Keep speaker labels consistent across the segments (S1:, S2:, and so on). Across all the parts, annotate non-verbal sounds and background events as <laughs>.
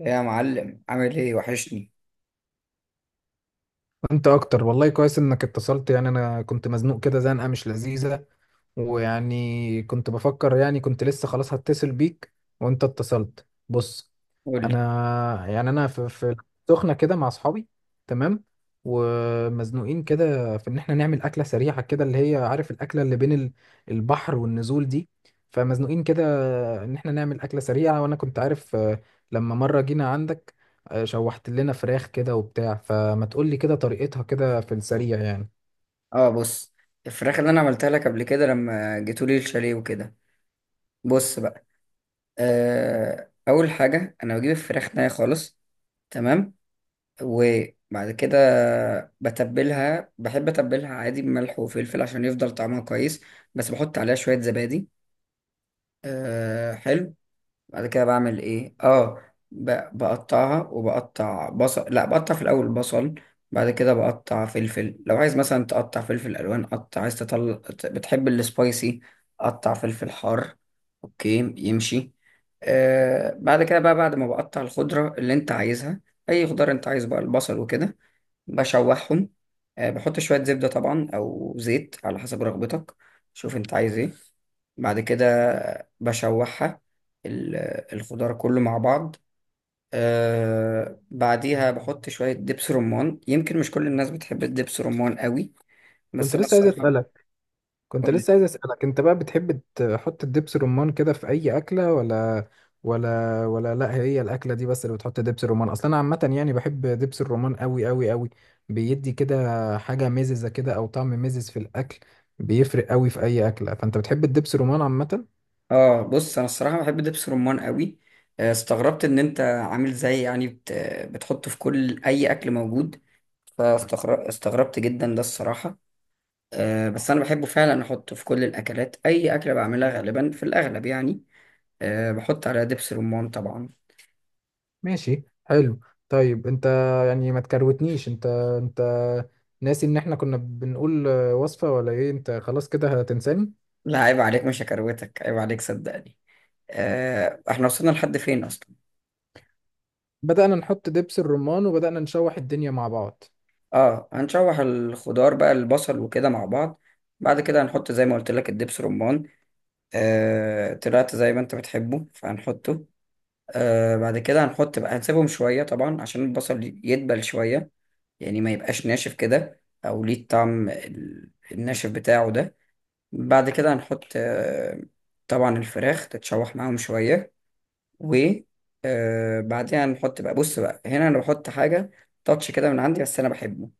S1: يا <laughs> معلم، عامل ايه؟ وحشني.
S2: انت اكتر والله، كويس انك اتصلت. يعني انا كنت مزنوق كده، زنقه مش لذيذه. ويعني كنت بفكر، يعني كنت لسه خلاص هتصل بيك وانت اتصلت. بص،
S1: قول لي.
S2: يعني انا في سخنة كده مع اصحابي، تمام. ومزنوقين كده في ان احنا نعمل اكلة سريعة كده، اللي هي عارف الاكلة اللي بين البحر والنزول دي. فمزنوقين كده ان احنا نعمل اكلة سريعة، وانا كنت عارف. لما مرة جينا عندك شوحت لنا فراخ كده وبتاع، فما تقولي كده طريقتها كده في السريع يعني.
S1: اه، بص. الفراخ اللي انا عملتها لك قبل كده لما جيتولي الشاليه وكده، بص بقى. آه، اول حاجه انا بجيب الفراخ نيه خالص. تمام. وبعد كده بتبلها، بحب اتبلها عادي بملح وفلفل عشان يفضل طعمها كويس، بس بحط عليها شويه زبادي. آه، حلو. بعد كده بعمل ايه؟ اه، بقطعها وبقطع بصل، لا، بقطع في الاول بصل. بعد كده بقطع فلفل، لو عايز مثلا تقطع فلفل الوان قطع عايز تطلع. بتحب السبايسي؟ قطع فلفل حار. اوكي، يمشي. آه، بعد كده بقى بعد ما بقطع الخضرة اللي انت عايزها، اي خضار انت عايز بقى، البصل وكده، بشوحهم. بحط شوية زبدة طبعا أو زيت على حسب رغبتك. شوف أنت عايز إيه. بعد كده بشوحها، ال- الخضار كله مع بعض. آه، بعديها بحط شوية دبس رمان. يمكن مش كل الناس بتحب الدبس رمان قوي، بس
S2: كنت
S1: أنا
S2: لسه عايز
S1: الصراحة.
S2: اسألك، كنت
S1: قولي.
S2: لسه عايز اسالك، انت بقى بتحب تحط الدبس رمان كده في اي اكله ولا؟ ولا، ولا، لا، هي الاكله دي بس اللي بتحط دبس رمان. اصلا انا عامه يعني بحب دبس الرمان قوي قوي قوي، بيدي كده حاجه مززه كده او طعم مزز في الاكل. بيفرق قوي في اي اكله، فانت بتحب الدبس رمان عامه؟
S1: آه، بص، أنا الصراحة بحب دبس رمان قوي. آه، استغربت إن أنت عامل زي يعني بتحطه في كل أي أكل موجود، فاستغربت جدا ده الصراحة. بس انا بحبه، فعلا احطه في كل الاكلات، اي اكله بعملها غالبا في الاغلب يعني، أه، بحط عليها دبس رمان طبعا.
S2: ماشي، حلو. طيب انت، يعني ما تكروتنيش، انت ناسي ان احنا كنا بنقول وصفه ولا ايه؟ انت خلاص كده هتنساني؟
S1: لا، عيب عليك، مش هكروتك، عيب عليك صدقني. أه، احنا وصلنا لحد فين اصلا؟
S2: بدأنا نحط دبس الرمان وبدأنا نشوح الدنيا مع بعض.
S1: اه، هنشوح الخضار بقى، البصل وكده مع بعض. بعد كده هنحط زي ما قلت لك الدبس رمان. أه، طلعت زي ما انت بتحبه فهنحطه. أه، بعد كده هنحط بقى، هنسيبهم شويه طبعا عشان البصل يدبل شويه، يعني ما يبقاش ناشف كده او ليه الطعم الناشف بتاعه ده. بعد كده هنحط طبعا الفراخ تتشوح معاهم شوية. وبعدين هنحط بقى، بص بقى هنا انا بحط حاجة تاتش كده من عندي بس انا بحبه.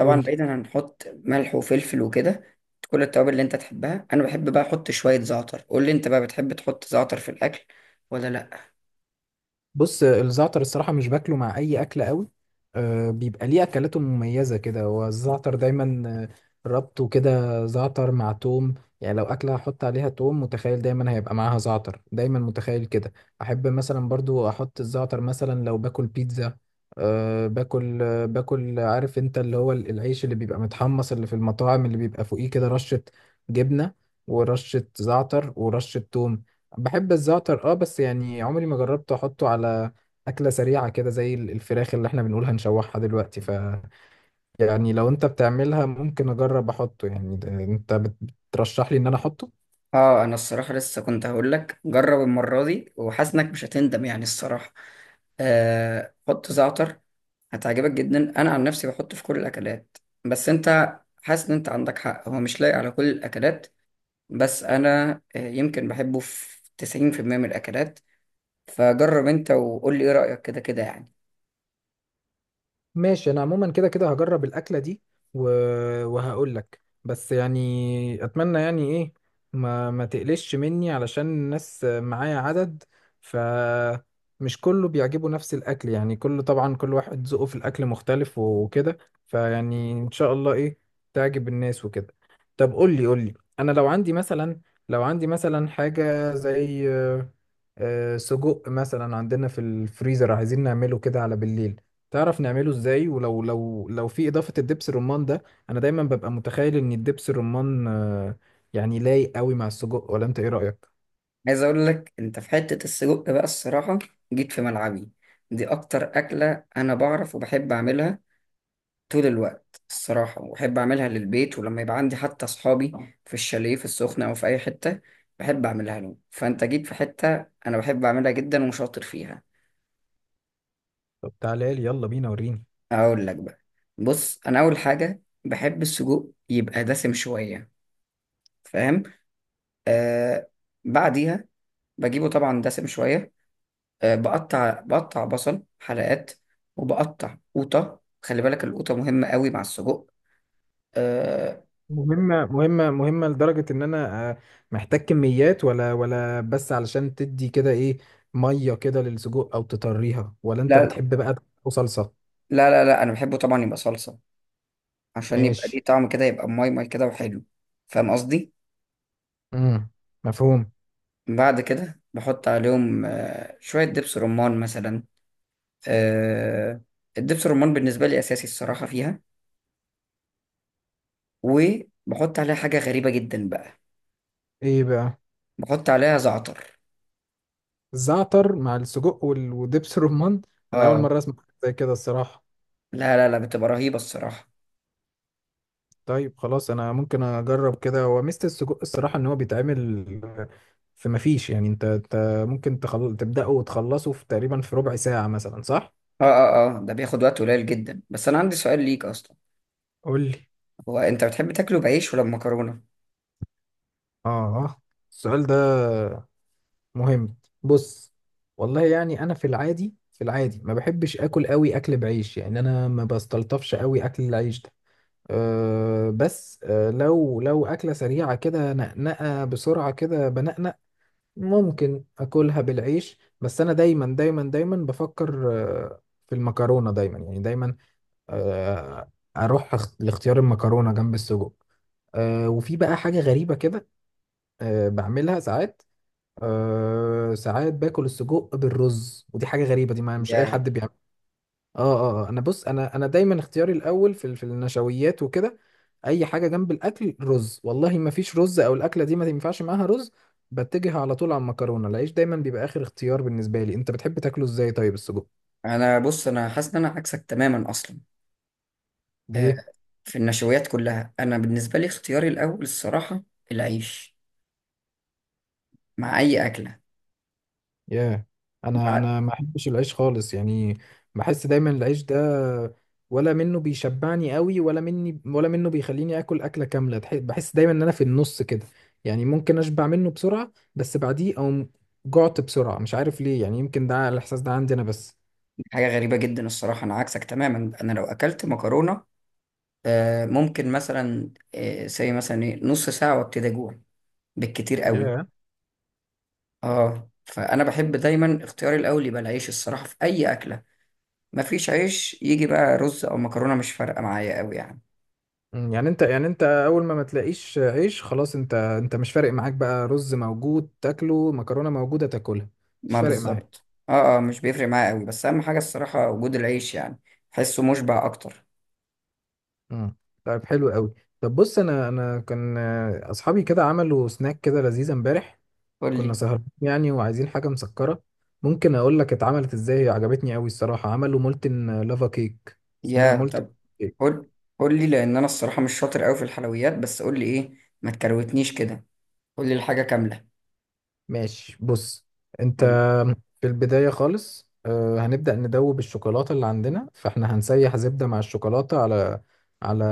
S2: قول لي،
S1: بعيدا هنحط ملح وفلفل وكده، كل التوابل اللي انت تحبها. انا بحب بقى احط شوية زعتر. قول لي انت بقى، بتحب تحط زعتر في الاكل ولا لا؟
S2: بص الزعتر الصراحة مش باكله مع أي أكلة قوي. آه، بيبقى ليه أكلاته مميزة كده، هو الزعتر دايما. ربطه كده زعتر مع توم. يعني لو أكلة هحط عليها توم، متخيل دايما هيبقى معاها زعتر، دايما متخيل كده. أحب مثلا برضو أحط الزعتر مثلا لو باكل بيتزا. أه باكل، باكل، عارف انت اللي هو العيش اللي بيبقى متحمص اللي في المطاعم اللي بيبقى فوقيه كده رشة جبنة ورشة زعتر ورشة توم. بحب الزعتر، اه بس يعني عمري ما جربت احطه على اكله سريعه كده زي الفراخ اللي احنا بنقول هنشوحها دلوقتي. ف يعني لو انت بتعملها، ممكن اجرب احطه، يعني انت بترشح لي ان انا احطه.
S1: اه، انا الصراحه لسه كنت هقول لك جرب المره دي، وحاسس انك مش هتندم يعني الصراحه. آه، حط زعتر. هتعجبك جدا. انا عن نفسي بحطه في كل الاكلات. بس انت حاسس ان انت عندك حق، هو مش لايق على كل الاكلات. بس انا يمكن بحبه في 90% من الاكلات. فجرب انت وقول لي ايه رايك، كده كده يعني.
S2: ماشي، انا عموما كده كده هجرب الاكله دي و... وهقول لك. بس يعني اتمنى يعني ايه، ما تقلش مني، علشان الناس معايا عدد. ف مش كله بيعجبه نفس الاكل، يعني كله طبعا، كل واحد ذوقه في الاكل مختلف وكده. فيعني ان شاء الله ايه، تعجب الناس وكده. طب قول لي، انا لو عندي مثلا، لو عندي مثلا حاجه زي سجق مثلا عندنا في الفريزر، عايزين نعمله كده على بالليل. تعرف نعمله ازاي؟ ولو لو لو في اضافه الدبس الرمان ده. انا دايما ببقى متخيل ان الدبس الرمان يعني لايق قوي مع السجق، ولا انت ايه رايك؟
S1: عايز اقول لك انت، في حته السجق بقى الصراحه، جيت في ملعبي. دي اكتر اكله انا بعرف وبحب اعملها طول الوقت الصراحة، وبحب أعملها للبيت ولما يبقى عندي حتى أصحابي في الشاليه في السخنة أو في أي حتة، بحب أعملها لهم. فأنت جيت في حتة أنا بحب أعملها جدا وشاطر فيها.
S2: طب تعالى لي، يلا بينا وريني.
S1: أقول لك بقى. بص، أنا أول حاجة بحب السجق يبقى دسم شوية. فاهم؟ آه. بعديها بجيبه طبعا دسم شوية. آه، بقطع بصل حلقات، وبقطع قوطة. خلي بالك، القوطة مهمة قوي مع السجق. آه.
S2: مهمه مهمه مهمه، لدرجه ان انا محتاج كميات، ولا بس علشان تدي كده ايه، ميه كده للسجق او تطريها، ولا انت
S1: لا،
S2: بتحب بقى وصلصه؟
S1: لا، لا، لا، أنا بحبه طبعا يبقى صلصة عشان يبقى ليه
S2: ماشي.
S1: طعم كده، يبقى ماي ماي كده وحلو. فاهم قصدي؟
S2: امم مفهوم.
S1: بعد كده بحط عليهم شوية دبس رمان مثلا. آه، الدبس رمان بالنسبة لي أساسي الصراحة فيها. وبحط عليها حاجة غريبة جدا بقى.
S2: ايه بقى،
S1: بحط عليها زعتر.
S2: زعتر مع السجق ودبس الرمان؟ انا اول
S1: اه.
S2: مره اسمع حاجة زي كده الصراحه.
S1: لا، لا، لا، بتبقى رهيبة الصراحة.
S2: طيب خلاص، انا ممكن اجرب كده. هو ميزة السجق الصراحة ان هو بيتعمل في، مفيش يعني، انت ممكن تبدأه وتخلصه في تقريبا في ربع ساعة مثلا، صح؟
S1: اه، اه، اه، ده بياخد وقت قليل جدا. بس أنا عندي سؤال ليك أصلا،
S2: قول لي
S1: هو أنت بتحب تاكله بعيش ولا بمكرونة؟
S2: اه، السؤال ده مهم. بص، والله يعني انا في العادي، في العادي ما بحبش اكل قوي اكل بعيش، يعني انا ما بستلطفش قوي اكل العيش ده. أه بس أه لو اكله سريعه كده، نقنقه بسرعه كده بنقنق، ممكن اكلها بالعيش. بس انا دايما دايما دايما بفكر في المكرونه دايما، يعني دايما، اروح لاختيار المكرونه جنب السجق. وفي بقى حاجه غريبه كده، بعملها ساعات. ساعات باكل السجق بالرز، ودي حاجه غريبه، دي ما مش اي
S1: يعني
S2: حد. اه اه، انا بص، انا دايما اختياري الاول في في النشويات وكده. اي حاجه جنب الاكل رز، والله ما فيش رز او الاكله دي ما ينفعش معاها رز. بتجه على طول على المكرونه، العيش دايما بيبقى اخر اختيار بالنسبه لي. انت بتحب تاكله ازاي طيب السجق؟
S1: أنا بص، أنا حاسس إن أنا عكسك تماما أصلا.
S2: ليه؟
S1: في النشويات كلها انا بالنسبه لي اختياري الاول الصراحه العيش، مع اي اكله.
S2: ياه، انا
S1: بع-
S2: انا ما احبش العيش خالص يعني. بحس دايما العيش ده ولا منه بيشبعني قوي، ولا مني ولا منه بيخليني اكل اكله كامله، بحس دايما ان انا في النص كده. يعني ممكن اشبع منه بسرعه بس بعديه او جعت بسرعه، مش عارف ليه يعني، يمكن ده الاحساس ده عندي انا بس.
S1: حاجه غريبه جدا الصراحه، انا عكسك تماما. انا لو اكلت مكرونه، ممكن مثلا زي مثلا ايه نص ساعه وابتدي اجوع بالكتير قوي.
S2: ياه،
S1: اه، فانا بحب دايما اختياري الاول يبقى العيش الصراحه في اي اكله. ما فيش عيش يجي بقى رز او مكرونه، مش فارقه معايا قوي يعني.
S2: مم، يعني انت، يعني انت اول ما تلاقيش عيش خلاص، انت مش فارق معاك بقى، رز موجود تاكله، مكرونه موجوده تاكلها. مش
S1: ما
S2: فارق معاك.
S1: بالظبط، اه اه، مش بيفرق معايا قوي، بس اهم حاجه الصراحه وجود العيش يعني. بحسه مشبع اكتر.
S2: مم. طيب حلو قوي. طب بص، انا كان اصحابي كده عملوا سناك كده لذيذ امبارح.
S1: قول
S2: كنا
S1: لي.
S2: سهرانين يعني وعايزين حاجه مسكره. ممكن اقول لك اتعملت ازاي، هي عجبتني قوي الصراحه. عملوا مولتن لافا كيك، اسمها
S1: يا
S2: مولتن
S1: طب،
S2: كيك.
S1: قول قول لي لان انا الصراحه مش شاطر قوي في الحلويات، بس قول لي ايه، ما تكروتنيش كده، قول لي الحاجه كامله.
S2: ماشي، بص
S1: قول لي.
S2: انت. في البدايه خالص هنبدا ندوب الشوكولاته اللي عندنا، فاحنا هنسيح زبده مع الشوكولاته على على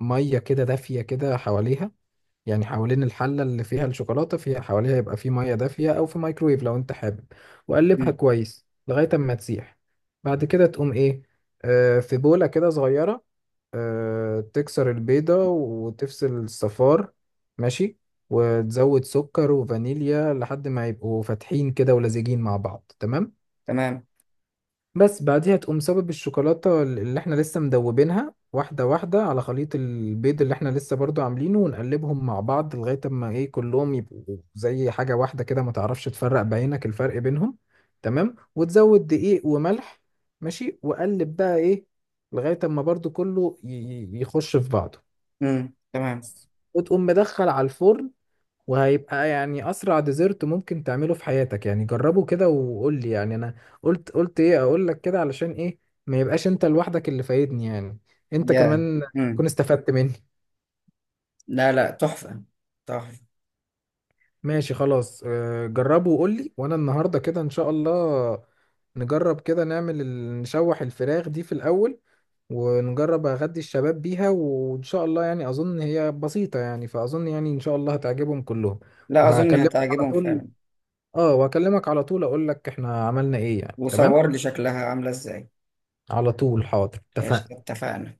S2: ميه كده دافيه كده حواليها، يعني حوالين الحلة اللي فيها الشوكولاتة، فيها حواليها يبقى في مية دافية أو في مايكرويف لو أنت حابب. وقلبها
S1: مم.
S2: كويس لغاية أما تسيح. بعد كده تقوم إيه، آه في بولة كده صغيرة، آه تكسر البيضة وتفصل الصفار. ماشي، وتزود سكر وفانيليا لحد ما يبقوا فاتحين كده ولزجين مع بعض، تمام.
S1: تمام.
S2: بس بعديها تقوم صابب الشوكولاتة اللي احنا لسه مدوبينها، واحدة واحدة، على خليط البيض اللي احنا لسه برضو عاملينه، ونقلبهم مع بعض لغاية اما ايه كلهم يبقوا زي حاجة واحدة كده، ما تعرفش تفرق بعينك الفرق بينهم. تمام، وتزود دقيق وملح. ماشي، وقلب بقى ايه لغاية اما برضو كله يخش في بعضه.
S1: مم. تمام.
S2: وتقوم مدخل على الفرن، وهيبقى يعني اسرع ديزرت ممكن تعمله في حياتك. يعني جربه كده وقول لي، يعني انا قلت ايه اقول لك كده علشان ايه، ما يبقاش انت لوحدك اللي فايدني يعني، انت
S1: يا.
S2: كمان تكون
S1: مم.
S2: استفدت مني.
S1: لا، لا، تحفه، تحفه.
S2: ماشي خلاص، جربه وقول لي. وانا النهارده كده ان شاء الله نجرب كده، نعمل نشوح الفراخ دي في الاول، ونجرب اغدي الشباب بيها. وان شاء الله يعني اظن هي بسيطة يعني، فاظن يعني ان شاء الله هتعجبهم كلهم.
S1: لا اظن
S2: وهكلمك على
S1: هتعجبهم
S2: طول.
S1: فعلا.
S2: اه، واكلمك على طول اقول لك احنا عملنا ايه يعني، تمام.
S1: وصور لي شكلها عامله ازاي.
S2: على طول، حاضر،
S1: ايش
S2: اتفقنا.
S1: اتفقنا؟